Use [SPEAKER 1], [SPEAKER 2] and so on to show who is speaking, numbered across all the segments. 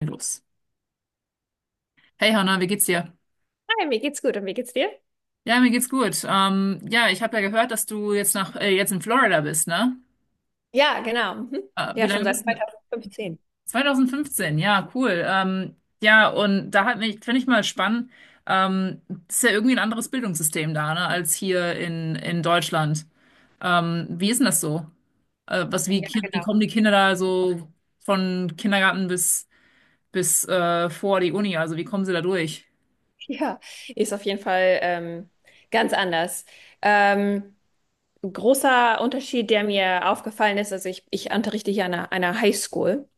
[SPEAKER 1] Los. Hey Hanna, wie geht's dir?
[SPEAKER 2] Hi, mir geht's gut und wie geht's dir?
[SPEAKER 1] Ja, mir geht's gut. Ja, ich habe ja gehört, dass du jetzt nach jetzt in Florida bist, ne?
[SPEAKER 2] Ja, genau. Mhm.
[SPEAKER 1] Wie
[SPEAKER 2] Ja, schon
[SPEAKER 1] lange
[SPEAKER 2] seit
[SPEAKER 1] bist du?
[SPEAKER 2] 2015.
[SPEAKER 1] 2015, ja, cool. Ja, und da hat mich, finde ich mal spannend, ähm, ist ja irgendwie ein anderes Bildungssystem da, ne, als hier in Deutschland. Wie ist denn das so? Was, wie,
[SPEAKER 2] Ja,
[SPEAKER 1] Wie
[SPEAKER 2] genau.
[SPEAKER 1] kommen die Kinder da so von Kindergarten bis, bis vor die Uni? Also wie kommen sie da durch?
[SPEAKER 2] Ja, ist auf jeden Fall ganz anders. Ähm, großer Unterschied, der mir aufgefallen ist, also ich unterrichte hier an einer Highschool.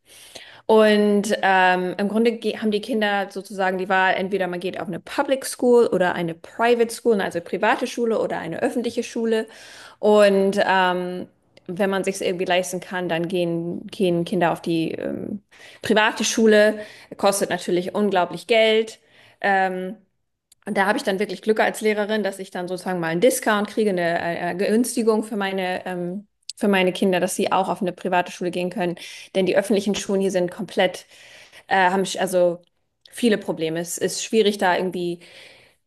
[SPEAKER 2] Und im Grunde haben die Kinder sozusagen die Wahl, entweder man geht auf eine Public School oder eine Private School, ne, also private Schule oder eine öffentliche Schule. Und wenn man sich irgendwie leisten kann, dann gehen Kinder auf die private Schule. Kostet natürlich unglaublich Geld. Ähm, und da habe ich dann wirklich Glück als Lehrerin, dass ich dann sozusagen mal einen Discount kriege, eine Günstigung für meine Kinder, dass sie auch auf eine private Schule gehen können. Denn die öffentlichen Schulen hier sind komplett, haben also viele Probleme. Es ist schwierig, da irgendwie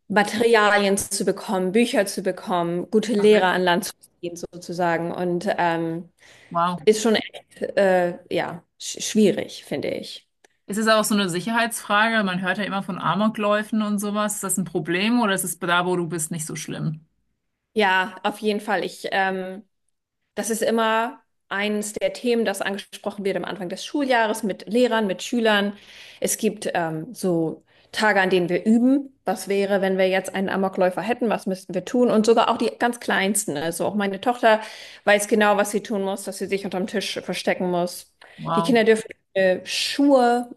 [SPEAKER 2] Materialien zu bekommen, Bücher zu bekommen, gute
[SPEAKER 1] Ach,
[SPEAKER 2] Lehrer an
[SPEAKER 1] wirklich?
[SPEAKER 2] Land zu ziehen sozusagen. Und
[SPEAKER 1] Wow.
[SPEAKER 2] ist schon echt, ja, schwierig, finde ich.
[SPEAKER 1] Ist es auch so eine Sicherheitsfrage? Man hört ja immer von Amokläufen und sowas. Ist das ein Problem oder ist es da, wo du bist, nicht so schlimm?
[SPEAKER 2] Ja, auf jeden Fall. Das ist immer eines der Themen, das angesprochen wird am Anfang des Schuljahres mit Lehrern, mit Schülern. Es gibt so Tage, an denen wir üben. Was wäre, wenn wir jetzt einen Amokläufer hätten? Was müssten wir tun? Und sogar auch die ganz Kleinsten. Also auch meine Tochter weiß genau, was sie tun muss, dass sie sich unterm Tisch verstecken muss. Die
[SPEAKER 1] Wow.
[SPEAKER 2] Kinder dürfen Schuhe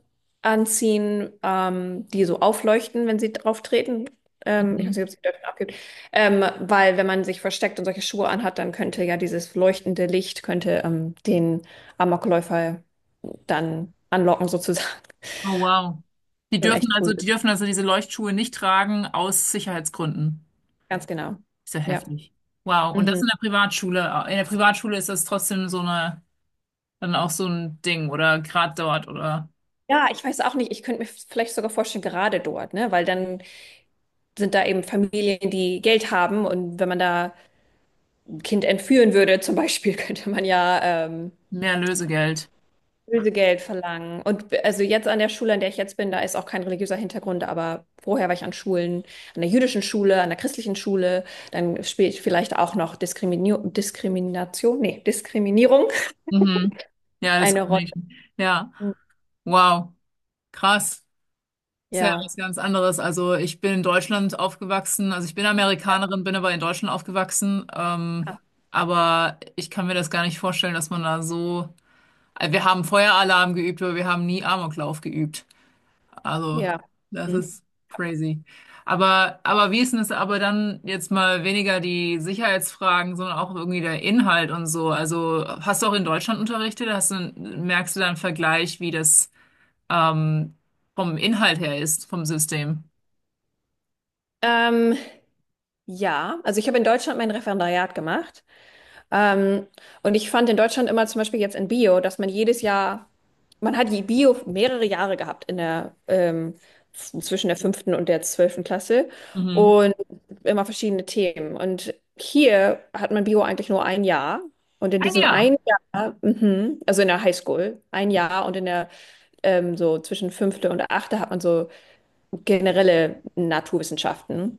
[SPEAKER 2] anziehen, die so aufleuchten, wenn sie drauf treten. Ich weiß nicht,
[SPEAKER 1] Mhm.
[SPEAKER 2] ob sie die dürfen abgibt. Weil wenn man sich versteckt und solche Schuhe anhat, dann könnte ja dieses leuchtende Licht könnte den Amokläufer dann anlocken sozusagen.
[SPEAKER 1] Oh, wow.
[SPEAKER 2] Schon echt
[SPEAKER 1] Die
[SPEAKER 2] gruselig.
[SPEAKER 1] dürfen also diese Leuchtschuhe nicht tragen aus Sicherheitsgründen.
[SPEAKER 2] Ganz genau.
[SPEAKER 1] Ist ja
[SPEAKER 2] Ja.
[SPEAKER 1] heftig. Wow. Und das
[SPEAKER 2] Mhm.
[SPEAKER 1] in der Privatschule. In der Privatschule ist das trotzdem so eine, dann auch so ein Ding oder gerade dort oder
[SPEAKER 2] Ja, ich weiß auch nicht. Ich könnte mir vielleicht sogar vorstellen, gerade dort, ne? Weil dann sind da eben Familien, die Geld haben und wenn man da ein Kind entführen würde, zum Beispiel, könnte man ja
[SPEAKER 1] mehr Lösegeld.
[SPEAKER 2] Lösegeld verlangen. Und also jetzt an der Schule, an der ich jetzt bin, da ist auch kein religiöser Hintergrund, aber vorher war ich an Schulen, an der jüdischen Schule, an der christlichen Schule, dann spielt vielleicht auch noch Diskrimini Diskrimination, nee, Diskriminierung
[SPEAKER 1] Mhm. Ja, das
[SPEAKER 2] eine
[SPEAKER 1] kann
[SPEAKER 2] Rolle.
[SPEAKER 1] ich. Ja.
[SPEAKER 2] Hm.
[SPEAKER 1] Wow. Krass. Ist ja
[SPEAKER 2] Ja.
[SPEAKER 1] was ganz anderes. Also ich bin in Deutschland aufgewachsen, also ich bin Amerikanerin, bin aber in Deutschland aufgewachsen.
[SPEAKER 2] Ah,
[SPEAKER 1] Aber ich kann mir das gar nicht vorstellen, dass man da so. Wir haben Feueralarm geübt, aber wir haben nie Amoklauf geübt. Also
[SPEAKER 2] ja.
[SPEAKER 1] das
[SPEAKER 2] Hm.
[SPEAKER 1] ist crazy. Aber wie ist denn es aber dann jetzt mal weniger die Sicherheitsfragen, sondern auch irgendwie der Inhalt und so? Also hast du auch in Deutschland unterrichtet? Hast du, merkst du da einen Vergleich, wie das ähm, vom Inhalt her ist, vom System?
[SPEAKER 2] Ähm, ja, also ich habe in Deutschland mein Referendariat gemacht. Ähm, und ich fand in Deutschland immer zum Beispiel jetzt in Bio, dass man jedes Jahr, man hat die Bio mehrere Jahre gehabt zwischen der fünften und der zwölften Klasse
[SPEAKER 1] Mhm.
[SPEAKER 2] und immer verschiedene Themen. Und hier hat man Bio eigentlich nur ein Jahr. Und in
[SPEAKER 1] Ein
[SPEAKER 2] diesem
[SPEAKER 1] Jahr.
[SPEAKER 2] einen Jahr, also in der Highschool, ein Jahr und in der so zwischen fünfte und achte hat man so generelle Naturwissenschaften,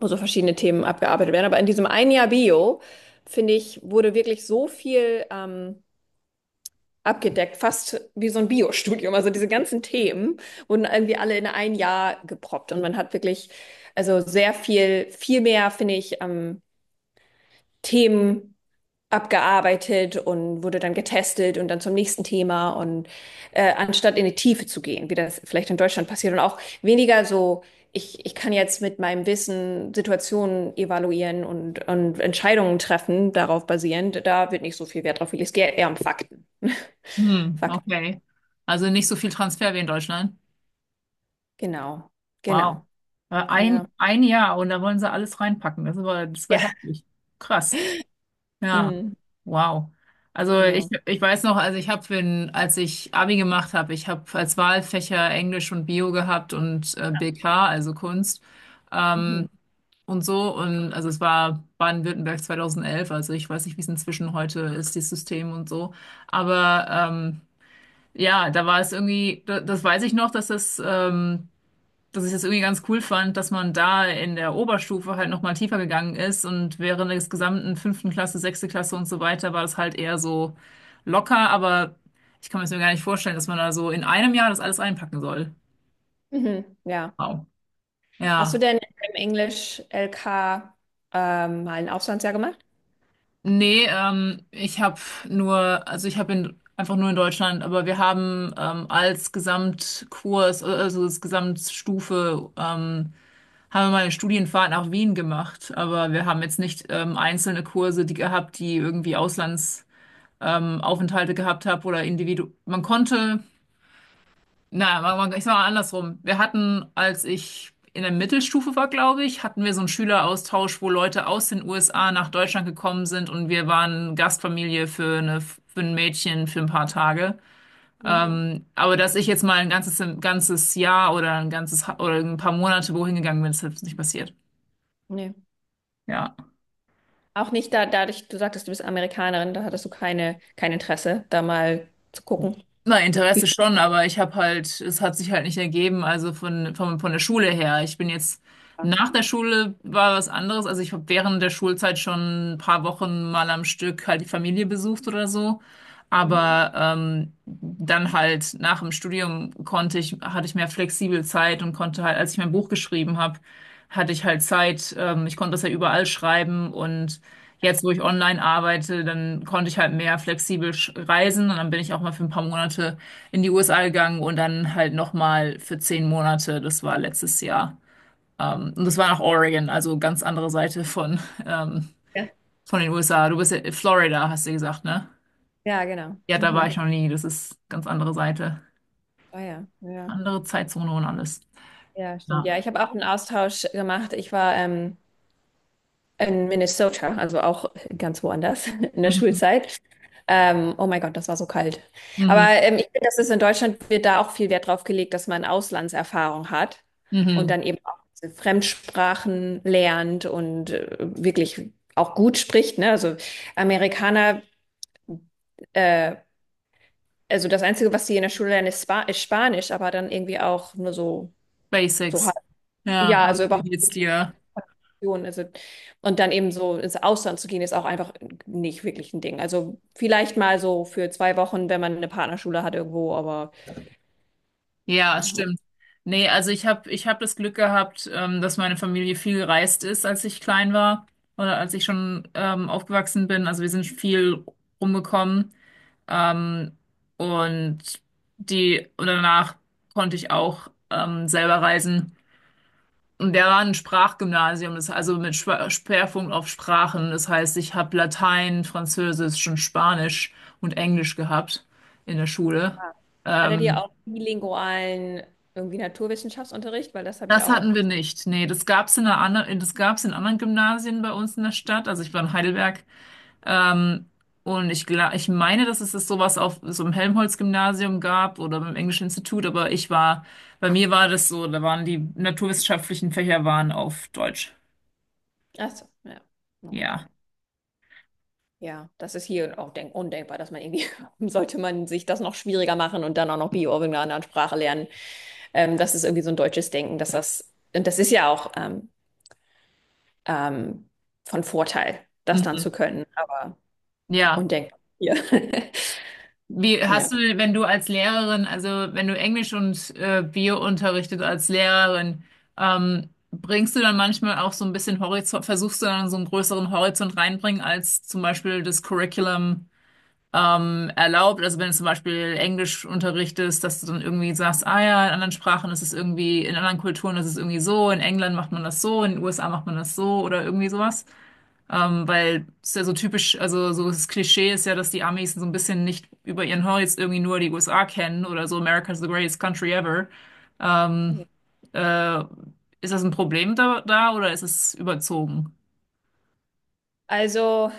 [SPEAKER 2] wo so verschiedene Themen abgearbeitet werden. Aber in diesem ein Jahr Bio, finde ich, wurde wirklich so viel abgedeckt, fast wie so ein Bio-Studium. Also diese ganzen Themen wurden irgendwie alle in ein Jahr geproppt und man hat wirklich, also sehr viel, viel mehr, finde ich, Themen abgearbeitet und wurde dann getestet und dann zum nächsten Thema und anstatt in die Tiefe zu gehen, wie das vielleicht in Deutschland passiert und auch weniger so, ich kann jetzt mit meinem Wissen Situationen evaluieren und Entscheidungen treffen, darauf basierend, da wird nicht so viel Wert drauf gelegt, es geht eher um Fakten.
[SPEAKER 1] Hm,
[SPEAKER 2] Fakten,
[SPEAKER 1] okay. Also nicht so viel Transfer wie in Deutschland.
[SPEAKER 2] genau,
[SPEAKER 1] Wow.
[SPEAKER 2] genau, ja.
[SPEAKER 1] Ein Jahr und da wollen sie alles reinpacken. Das war
[SPEAKER 2] Ja.
[SPEAKER 1] heftig. Krass. Ja.
[SPEAKER 2] Mhm.
[SPEAKER 1] Wow. Also ich,
[SPEAKER 2] Genau.
[SPEAKER 1] ich weiß noch, also ich habe, wenn, als ich Abi gemacht habe, ich habe als Wahlfächer Englisch und Bio gehabt und BK, also Kunst.
[SPEAKER 2] Mhm.
[SPEAKER 1] Ähm, und so. Und also es war Baden-Württemberg 2011, also ich weiß nicht, wie es inzwischen heute ist, das System und so. Aber ja, da war es irgendwie, das weiß ich noch, dass dass ich das irgendwie ganz cool fand, dass man da in der Oberstufe halt nochmal tiefer gegangen ist und während des gesamten fünften Klasse, sechste Klasse und so weiter war das halt eher so locker, aber ich kann mir das mir gar nicht vorstellen, dass man da so in einem Jahr das alles einpacken soll.
[SPEAKER 2] Mhm. Ja.
[SPEAKER 1] Wow.
[SPEAKER 2] Hast
[SPEAKER 1] Ja.
[SPEAKER 2] du denn im Englisch-LK mal ein Auslandsjahr gemacht?
[SPEAKER 1] Nee, ich habe nur, also ich habe in einfach nur in Deutschland, aber wir haben als Gesamtkurs, also als Gesamtstufe haben wir mal eine Studienfahrt nach Wien gemacht, aber wir haben jetzt nicht einzelne Kurse, die gehabt, die irgendwie Auslandsaufenthalte Aufenthalte gehabt haben oder Individu. Man konnte, naja, ich sag mal andersrum. Wir hatten, als ich in der Mittelstufe war, glaube ich, hatten wir so einen Schüleraustausch, wo Leute aus den USA nach Deutschland gekommen sind und wir waren Gastfamilie für eine für ein Mädchen für ein paar Tage. Mhm.
[SPEAKER 2] Mhm.
[SPEAKER 1] Aber dass ich jetzt mal ein ganzes Jahr oder ein ganzes oder ein paar Monate wohin gegangen bin, ist jetzt nicht passiert.
[SPEAKER 2] Nee.
[SPEAKER 1] Ja.
[SPEAKER 2] Auch nicht da, dadurch, du sagtest, du bist Amerikanerin, da hattest du keine, kein Interesse, da mal zu gucken.
[SPEAKER 1] Na, Interesse schon, aber ich habe halt, es hat sich halt nicht ergeben, also von der Schule her. Ich bin jetzt,
[SPEAKER 2] Ja,
[SPEAKER 1] nach der Schule war was anderes, also ich habe während der Schulzeit schon ein paar Wochen mal am Stück halt die Familie besucht oder so. Aber dann halt nach dem Studium konnte ich, hatte ich mehr flexibel Zeit und konnte halt, als ich mein Buch geschrieben habe, hatte ich halt Zeit, ich konnte das ja überall schreiben und jetzt, wo ich online arbeite, dann konnte ich halt mehr flexibel reisen und dann bin ich auch mal für ein paar Monate in die USA gegangen und dann halt nochmal für zehn Monate. Das war letztes Jahr. Und das war nach Oregon, also ganz andere Seite ähm,
[SPEAKER 2] ja,
[SPEAKER 1] von den USA. Du bist ja in Florida, hast du gesagt, ne?
[SPEAKER 2] ja, genau.
[SPEAKER 1] Ja, da war ich
[SPEAKER 2] Mhm.
[SPEAKER 1] noch nie. Das ist ganz andere Seite.
[SPEAKER 2] Ah, ja, ja.
[SPEAKER 1] Andere Zeitzone und alles.
[SPEAKER 2] Ja, stimmt. Ja,
[SPEAKER 1] Ja.
[SPEAKER 2] ich habe auch einen Austausch gemacht. Ich war in Minnesota, also auch ganz woanders in der
[SPEAKER 1] Mhm.
[SPEAKER 2] Schulzeit. Oh mein Gott, das war so kalt. Aber
[SPEAKER 1] Mhm.
[SPEAKER 2] ich finde, das ist in Deutschland, wird da auch viel Wert drauf gelegt, dass man Auslandserfahrung hat
[SPEAKER 1] Mhm.
[SPEAKER 2] und
[SPEAKER 1] Mhm.
[SPEAKER 2] dann eben auch diese Fremdsprachen lernt und wirklich auch gut spricht, ne? Also Amerikaner, äh, also das Einzige, was sie in der Schule lernen, ist Spanisch, aber dann irgendwie auch nur so, so halb.
[SPEAKER 1] Basics. Ja,
[SPEAKER 2] Ja, also
[SPEAKER 1] hallo, wie
[SPEAKER 2] überhaupt.
[SPEAKER 1] geht's dir?
[SPEAKER 2] Option, also, und dann eben so ins Ausland zu gehen, ist auch einfach nicht wirklich ein Ding. Also vielleicht mal so für 2 Wochen, wenn man eine Partnerschule hat irgendwo, aber
[SPEAKER 1] Ja,
[SPEAKER 2] ja.
[SPEAKER 1] es
[SPEAKER 2] Und
[SPEAKER 1] stimmt. Nee, also ich hab das Glück gehabt, dass meine Familie viel gereist ist, als ich klein war oder als ich schon aufgewachsen bin. Also wir sind viel rumgekommen. Ähm, und die und danach konnte ich auch selber reisen. Und der war ein Sprachgymnasium, das also mit Schwerpunkt auf Sprachen. Das heißt, ich habe Latein, Französisch und Spanisch und Englisch gehabt in der Schule.
[SPEAKER 2] da hattet ihr
[SPEAKER 1] Ähm,
[SPEAKER 2] auch bilingualen irgendwie Naturwissenschaftsunterricht? Weil das habe ich
[SPEAKER 1] Das
[SPEAKER 2] auch
[SPEAKER 1] hatten
[SPEAKER 2] oft
[SPEAKER 1] wir
[SPEAKER 2] gesehen.
[SPEAKER 1] nicht. Nee, das gab's in einer anderen, das gab's in anderen Gymnasien bei uns in der Stadt. Also ich war in Heidelberg. Ähm, und ich, ich meine, dass es das sowas auf so einem Helmholtz-Gymnasium gab oder beim Englischen Institut, aber ich war, bei mir war das so, da waren die naturwissenschaftlichen Fächer waren auf Deutsch.
[SPEAKER 2] Achso, ja, na gut.
[SPEAKER 1] Ja.
[SPEAKER 2] Ja, das ist hier auch denk undenkbar, dass man irgendwie, sollte man sich das noch schwieriger machen und dann auch noch Bio in einer anderen Sprache lernen. Das ist irgendwie so ein deutsches Denken, dass das, und das ist ja auch ähm, von Vorteil, das dann
[SPEAKER 1] Mhm.
[SPEAKER 2] zu können. Aber
[SPEAKER 1] Ja.
[SPEAKER 2] und denkt, ja.
[SPEAKER 1] Wie
[SPEAKER 2] Ja.
[SPEAKER 1] hast du, wenn du als Lehrerin, also wenn du Englisch und Bio unterrichtet als Lehrerin, bringst du dann manchmal auch so ein bisschen Horizont, versuchst du dann so einen größeren Horizont reinbringen, als zum Beispiel das Curriculum erlaubt? Also wenn du zum Beispiel Englisch unterrichtest, dass du dann irgendwie sagst, ah ja, in anderen Sprachen ist es irgendwie, in anderen Kulturen ist es irgendwie so, in England macht man das so, in den USA macht man das so oder irgendwie sowas. Weil es ist ja so typisch, also so das Klischee ist ja, dass die Amis so ein bisschen nicht über ihren Horizont irgendwie nur die USA kennen oder so America's the greatest country ever. Ähm,
[SPEAKER 2] Ja.
[SPEAKER 1] äh, ist das ein Problem da oder ist es überzogen?
[SPEAKER 2] Also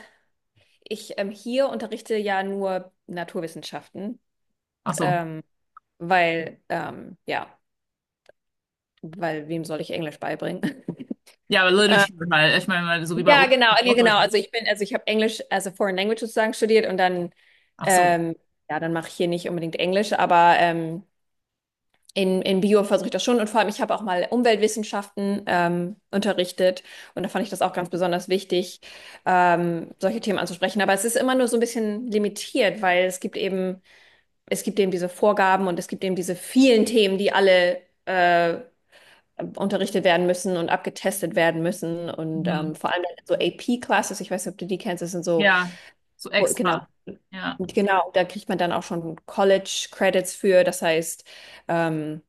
[SPEAKER 2] ich hier unterrichte ja nur Naturwissenschaften,
[SPEAKER 1] Ach so.
[SPEAKER 2] ähm, weil ähm, ja, weil wem soll ich Englisch beibringen?
[SPEAKER 1] Ja, aber
[SPEAKER 2] Äh,
[SPEAKER 1] Literature halt. Ich meine, weil so wie bei
[SPEAKER 2] ja,
[SPEAKER 1] uns
[SPEAKER 2] genau,
[SPEAKER 1] in
[SPEAKER 2] ja, genau.
[SPEAKER 1] Deutschland.
[SPEAKER 2] Also ich habe Englisch, also Foreign Language sozusagen studiert und dann
[SPEAKER 1] Ach so.
[SPEAKER 2] ähm, ja, dann mache ich hier nicht unbedingt Englisch, aber in Bio versuche ich das schon und vor allem, ich habe auch mal Umweltwissenschaften unterrichtet und da fand ich das auch ganz besonders wichtig, solche Themen anzusprechen. Aber es ist immer nur so ein bisschen limitiert, weil es gibt eben diese Vorgaben und es gibt eben diese vielen Themen, die alle unterrichtet werden müssen und abgetestet werden müssen. Und
[SPEAKER 1] Mhm.
[SPEAKER 2] vor allem so AP-Classes, ich weiß nicht, ob du die kennst, das sind so,
[SPEAKER 1] Ja, so
[SPEAKER 2] genau,
[SPEAKER 1] extra. Ja.
[SPEAKER 2] genau, da kriegt man dann auch schon College-Credits für. Das heißt, ähm,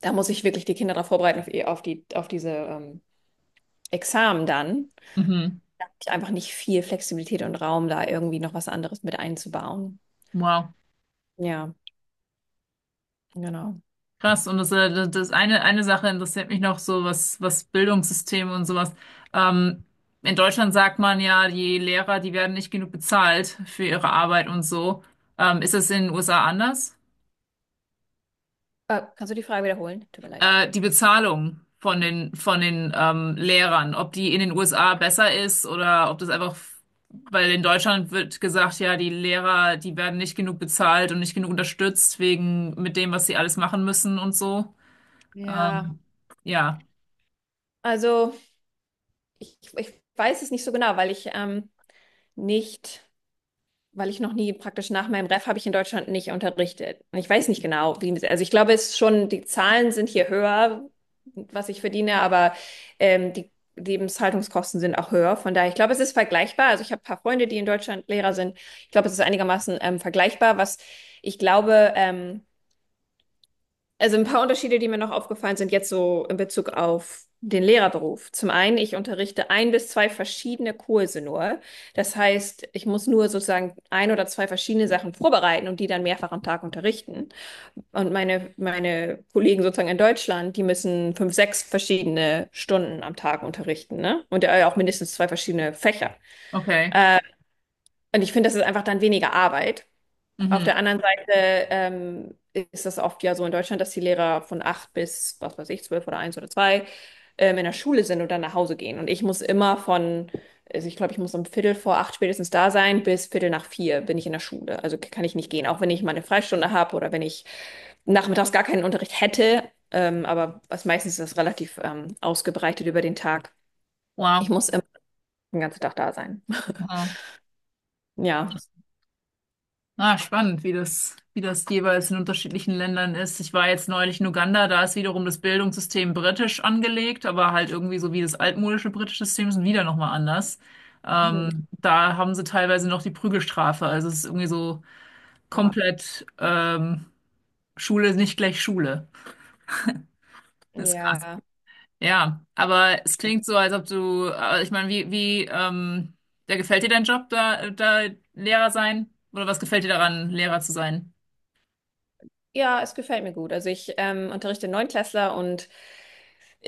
[SPEAKER 2] da muss ich wirklich die Kinder darauf vorbereiten, auf diese Examen dann.
[SPEAKER 1] Mhm.
[SPEAKER 2] Ich einfach nicht viel Flexibilität und Raum, da irgendwie noch was anderes mit einzubauen.
[SPEAKER 1] Wow.
[SPEAKER 2] Ja, genau.
[SPEAKER 1] Krass, und das eine Sache interessiert mich noch so, was Bildungssysteme und sowas. Ähm, in Deutschland sagt man ja, die werden nicht genug bezahlt für ihre Arbeit und so. Ist das in den USA anders?
[SPEAKER 2] Kannst du die Frage wiederholen? Tut mir leid.
[SPEAKER 1] Die Bezahlung von den Lehrern, ob die in den USA besser ist oder ob das einfach, weil in Deutschland wird gesagt, ja, die werden nicht genug bezahlt und nicht genug unterstützt wegen mit dem, was sie alles machen müssen und so.
[SPEAKER 2] Ja,
[SPEAKER 1] Ähm, ja,
[SPEAKER 2] also, ich weiß es nicht so genau, weil ich nicht, weil ich noch nie praktisch nach meinem Ref habe ich in Deutschland nicht unterrichtet. Und ich weiß nicht genau, wie, also ich glaube, es ist schon, die Zahlen sind hier höher, was ich verdiene, aber die Lebenshaltungskosten sind auch höher. Von daher, ich glaube, es ist vergleichbar. Also ich habe ein paar Freunde, die in Deutschland Lehrer sind. Ich glaube, es ist einigermaßen vergleichbar. Was ich glaube, also ein paar Unterschiede, die mir noch aufgefallen sind, jetzt so in Bezug auf den Lehrerberuf. Zum einen, ich unterrichte ein bis zwei verschiedene Kurse nur. Das heißt, ich muss nur sozusagen ein oder zwei verschiedene Sachen vorbereiten und die dann mehrfach am Tag unterrichten. Und meine Kollegen sozusagen in Deutschland, die müssen fünf, sechs verschiedene Stunden am Tag unterrichten, ne? Und auch mindestens zwei verschiedene Fächer.
[SPEAKER 1] okay.
[SPEAKER 2] Und ich finde, das ist einfach dann weniger Arbeit. Auf
[SPEAKER 1] Mhm.
[SPEAKER 2] der anderen Seite ist das oft ja so in Deutschland, dass die Lehrer von acht bis, was weiß ich, zwölf oder eins oder zwei in der Schule sind und dann nach Hause gehen. Und ich muss immer von, also ich glaube, ich muss um Viertel vor acht spätestens da sein, bis Viertel nach vier bin ich in der Schule. Also kann ich nicht gehen, auch wenn ich meine Freistunde habe oder wenn ich nachmittags gar keinen Unterricht hätte. Aber was meistens ist, das relativ ausgebreitet über den Tag. Ich
[SPEAKER 1] Wow.
[SPEAKER 2] muss immer den ganzen Tag da sein.
[SPEAKER 1] Aha.
[SPEAKER 2] Ja.
[SPEAKER 1] Ah, spannend, wie das jeweils in unterschiedlichen Ländern ist. Ich war jetzt neulich in Uganda, da ist wiederum das Bildungssystem britisch angelegt, aber halt irgendwie so wie das altmodische britische System ist wieder nochmal anders.
[SPEAKER 2] Mhm.
[SPEAKER 1] Da haben sie teilweise noch die Prügelstrafe. Also es ist irgendwie so
[SPEAKER 2] Oha.
[SPEAKER 1] komplett Schule ist nicht gleich Schule. Das ist krass.
[SPEAKER 2] Ja.
[SPEAKER 1] Ja, aber es klingt so, als ob du, ich meine, da gefällt dir dein Job, da Lehrer sein? Oder was gefällt dir daran, Lehrer zu sein?
[SPEAKER 2] Ja, es gefällt mir gut. Also ich unterrichte Neunklässler und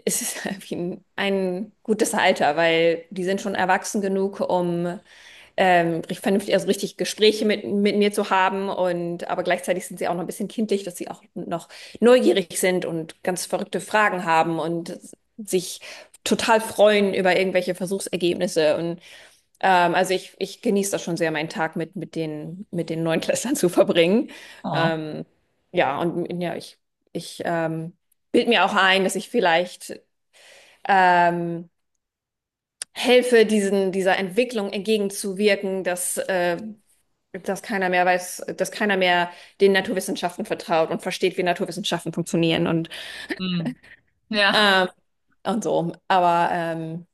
[SPEAKER 2] es ist irgendwie ein gutes Alter, weil die sind schon erwachsen genug, um vernünftig, also richtig Gespräche mit mir zu haben und aber gleichzeitig sind sie auch noch ein bisschen kindlich, dass sie auch noch neugierig sind und ganz verrückte Fragen haben und sich total freuen über irgendwelche Versuchsergebnisse. Also ich genieße das schon sehr, meinen Tag mit den Neunklässlern zu verbringen.
[SPEAKER 1] Oh.
[SPEAKER 2] Ähm, ja, und ja, ich bild mir auch ein, dass ich vielleicht ähm, helfe, diesen, dieser Entwicklung entgegenzuwirken, dass keiner mehr weiß, dass keiner mehr den Naturwissenschaften vertraut und versteht, wie Naturwissenschaften funktionieren
[SPEAKER 1] Hm. Ja,
[SPEAKER 2] ähm, und so. Aber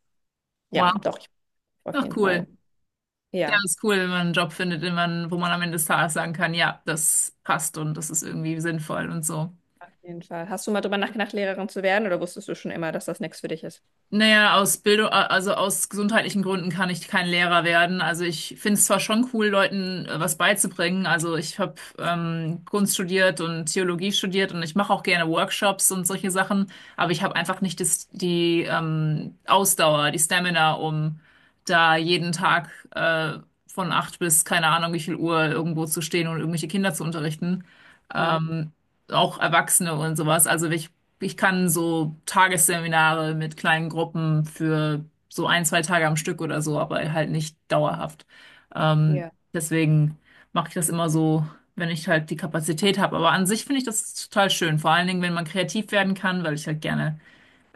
[SPEAKER 2] ja,
[SPEAKER 1] wow.
[SPEAKER 2] doch, ich auf
[SPEAKER 1] Ach,
[SPEAKER 2] jeden
[SPEAKER 1] cool.
[SPEAKER 2] Fall.
[SPEAKER 1] Ja,
[SPEAKER 2] Ja.
[SPEAKER 1] ist cool, wenn man einen Job findet, den man, wo man am Ende des Tages sagen kann, ja, das passt und das ist irgendwie sinnvoll und so.
[SPEAKER 2] Auf jeden Fall. Hast du mal drüber nachgedacht, Lehrerin zu werden oder wusstest du schon immer, dass das nichts für dich ist?
[SPEAKER 1] Naja, aus Bildung, also aus gesundheitlichen Gründen kann ich kein Lehrer werden. Also ich finde es zwar schon cool, Leuten was beizubringen. Also ich habe Kunst studiert und Theologie studiert und ich mache auch gerne Workshops und solche Sachen, aber ich habe einfach nicht das, die Ausdauer, die Stamina, um da jeden Tag von acht bis keine Ahnung wie viel Uhr irgendwo zu stehen und irgendwelche Kinder zu unterrichten.
[SPEAKER 2] Hm.
[SPEAKER 1] Ähm, auch Erwachsene und sowas. Also ich kann so Tagesseminare mit kleinen Gruppen für so ein, zwei Tage am Stück oder so, aber halt nicht dauerhaft. Ähm,
[SPEAKER 2] Ja,
[SPEAKER 1] deswegen mache ich das immer so, wenn ich halt die Kapazität habe. Aber an sich finde ich das total schön. Vor allen Dingen, wenn man kreativ werden kann, weil ich halt gerne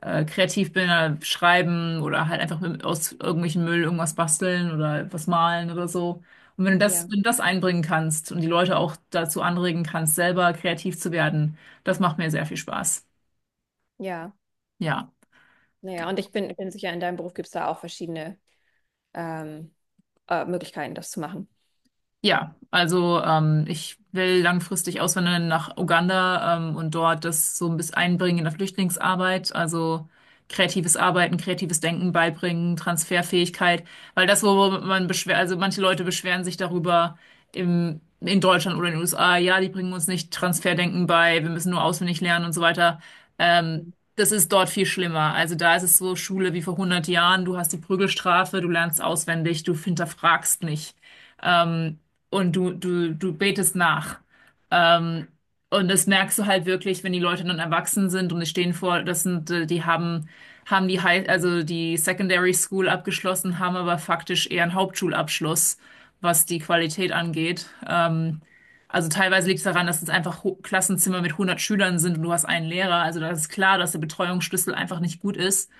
[SPEAKER 1] kreativ bin, schreiben oder halt einfach mit, aus irgendwelchen Müll irgendwas basteln oder was malen oder so. Und wenn du
[SPEAKER 2] ja,
[SPEAKER 1] wenn du das einbringen kannst und die Leute auch dazu anregen kannst, selber kreativ zu werden, das macht mir sehr viel Spaß.
[SPEAKER 2] ja.
[SPEAKER 1] Ja.
[SPEAKER 2] Naja, und ich bin sicher, in deinem Beruf gibt es da auch verschiedene ähm, Möglichkeiten, das zu machen.
[SPEAKER 1] Ja, also ich will langfristig auswandern nach Uganda und dort das so ein bisschen einbringen in der Flüchtlingsarbeit, also kreatives Arbeiten, kreatives Denken beibringen, Transferfähigkeit, weil das, wo man beschwer, also manche Leute beschweren sich darüber in Deutschland oder in den USA, ja, die bringen uns nicht Transferdenken bei, wir müssen nur auswendig lernen und so weiter. Ähm,
[SPEAKER 2] Mhm.
[SPEAKER 1] das ist dort viel schlimmer. Also da ist es so Schule wie vor hundert Jahren, du hast die Prügelstrafe, du lernst auswendig, du hinterfragst nicht. Ähm, und du betest nach. Ähm, und das merkst du halt wirklich, wenn die Leute dann erwachsen sind und die stehen vor, das sind, die haben, haben die High, also die Secondary School abgeschlossen, haben aber faktisch eher einen Hauptschulabschluss, was die Qualität angeht. Also teilweise liegt es daran, dass es einfach Klassenzimmer mit 100 Schülern sind und du hast einen Lehrer. Also da ist klar, dass der Betreuungsschlüssel einfach nicht gut ist.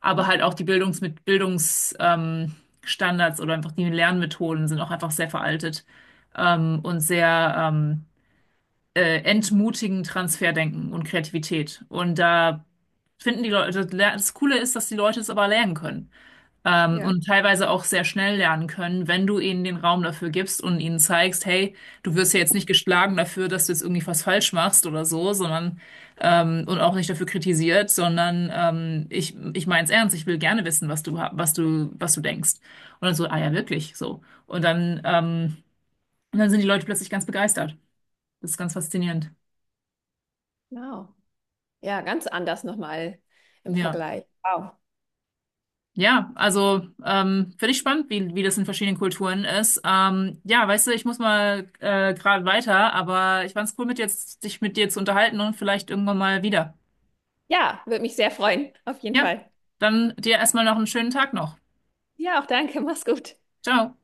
[SPEAKER 1] Aber halt auch die Bildungs, Standards oder einfach die Lernmethoden sind auch einfach sehr veraltet, ähm, und sehr, ähm, entmutigen Transferdenken und Kreativität. Und da finden die Leute, das Coole ist, dass die Leute es aber lernen können.
[SPEAKER 2] Ja,
[SPEAKER 1] Und teilweise auch sehr schnell lernen können, wenn du ihnen den Raum dafür gibst und ihnen zeigst, hey, du wirst ja jetzt nicht geschlagen dafür, dass du jetzt irgendwie was falsch machst oder so, sondern und auch nicht dafür kritisiert, sondern ich meine es ernst, ich will gerne wissen, was du denkst. Und dann so, ah ja, wirklich, so. Und dann sind die Leute plötzlich ganz begeistert. Das ist ganz faszinierend.
[SPEAKER 2] genau. Ja, ganz anders nochmal im
[SPEAKER 1] Ja.
[SPEAKER 2] Vergleich. Wow.
[SPEAKER 1] Ja, also finde ich spannend, wie das in verschiedenen Kulturen ist. Ja, weißt du, ich muss mal gerade weiter, aber ich fand's cool, mit jetzt, dich mit dir zu unterhalten und vielleicht irgendwann mal wieder.
[SPEAKER 2] Ja, würde mich sehr freuen, auf jeden
[SPEAKER 1] Ja,
[SPEAKER 2] Fall.
[SPEAKER 1] dann dir erstmal noch einen schönen Tag noch.
[SPEAKER 2] Ja, auch danke. Mach's gut.
[SPEAKER 1] Ciao.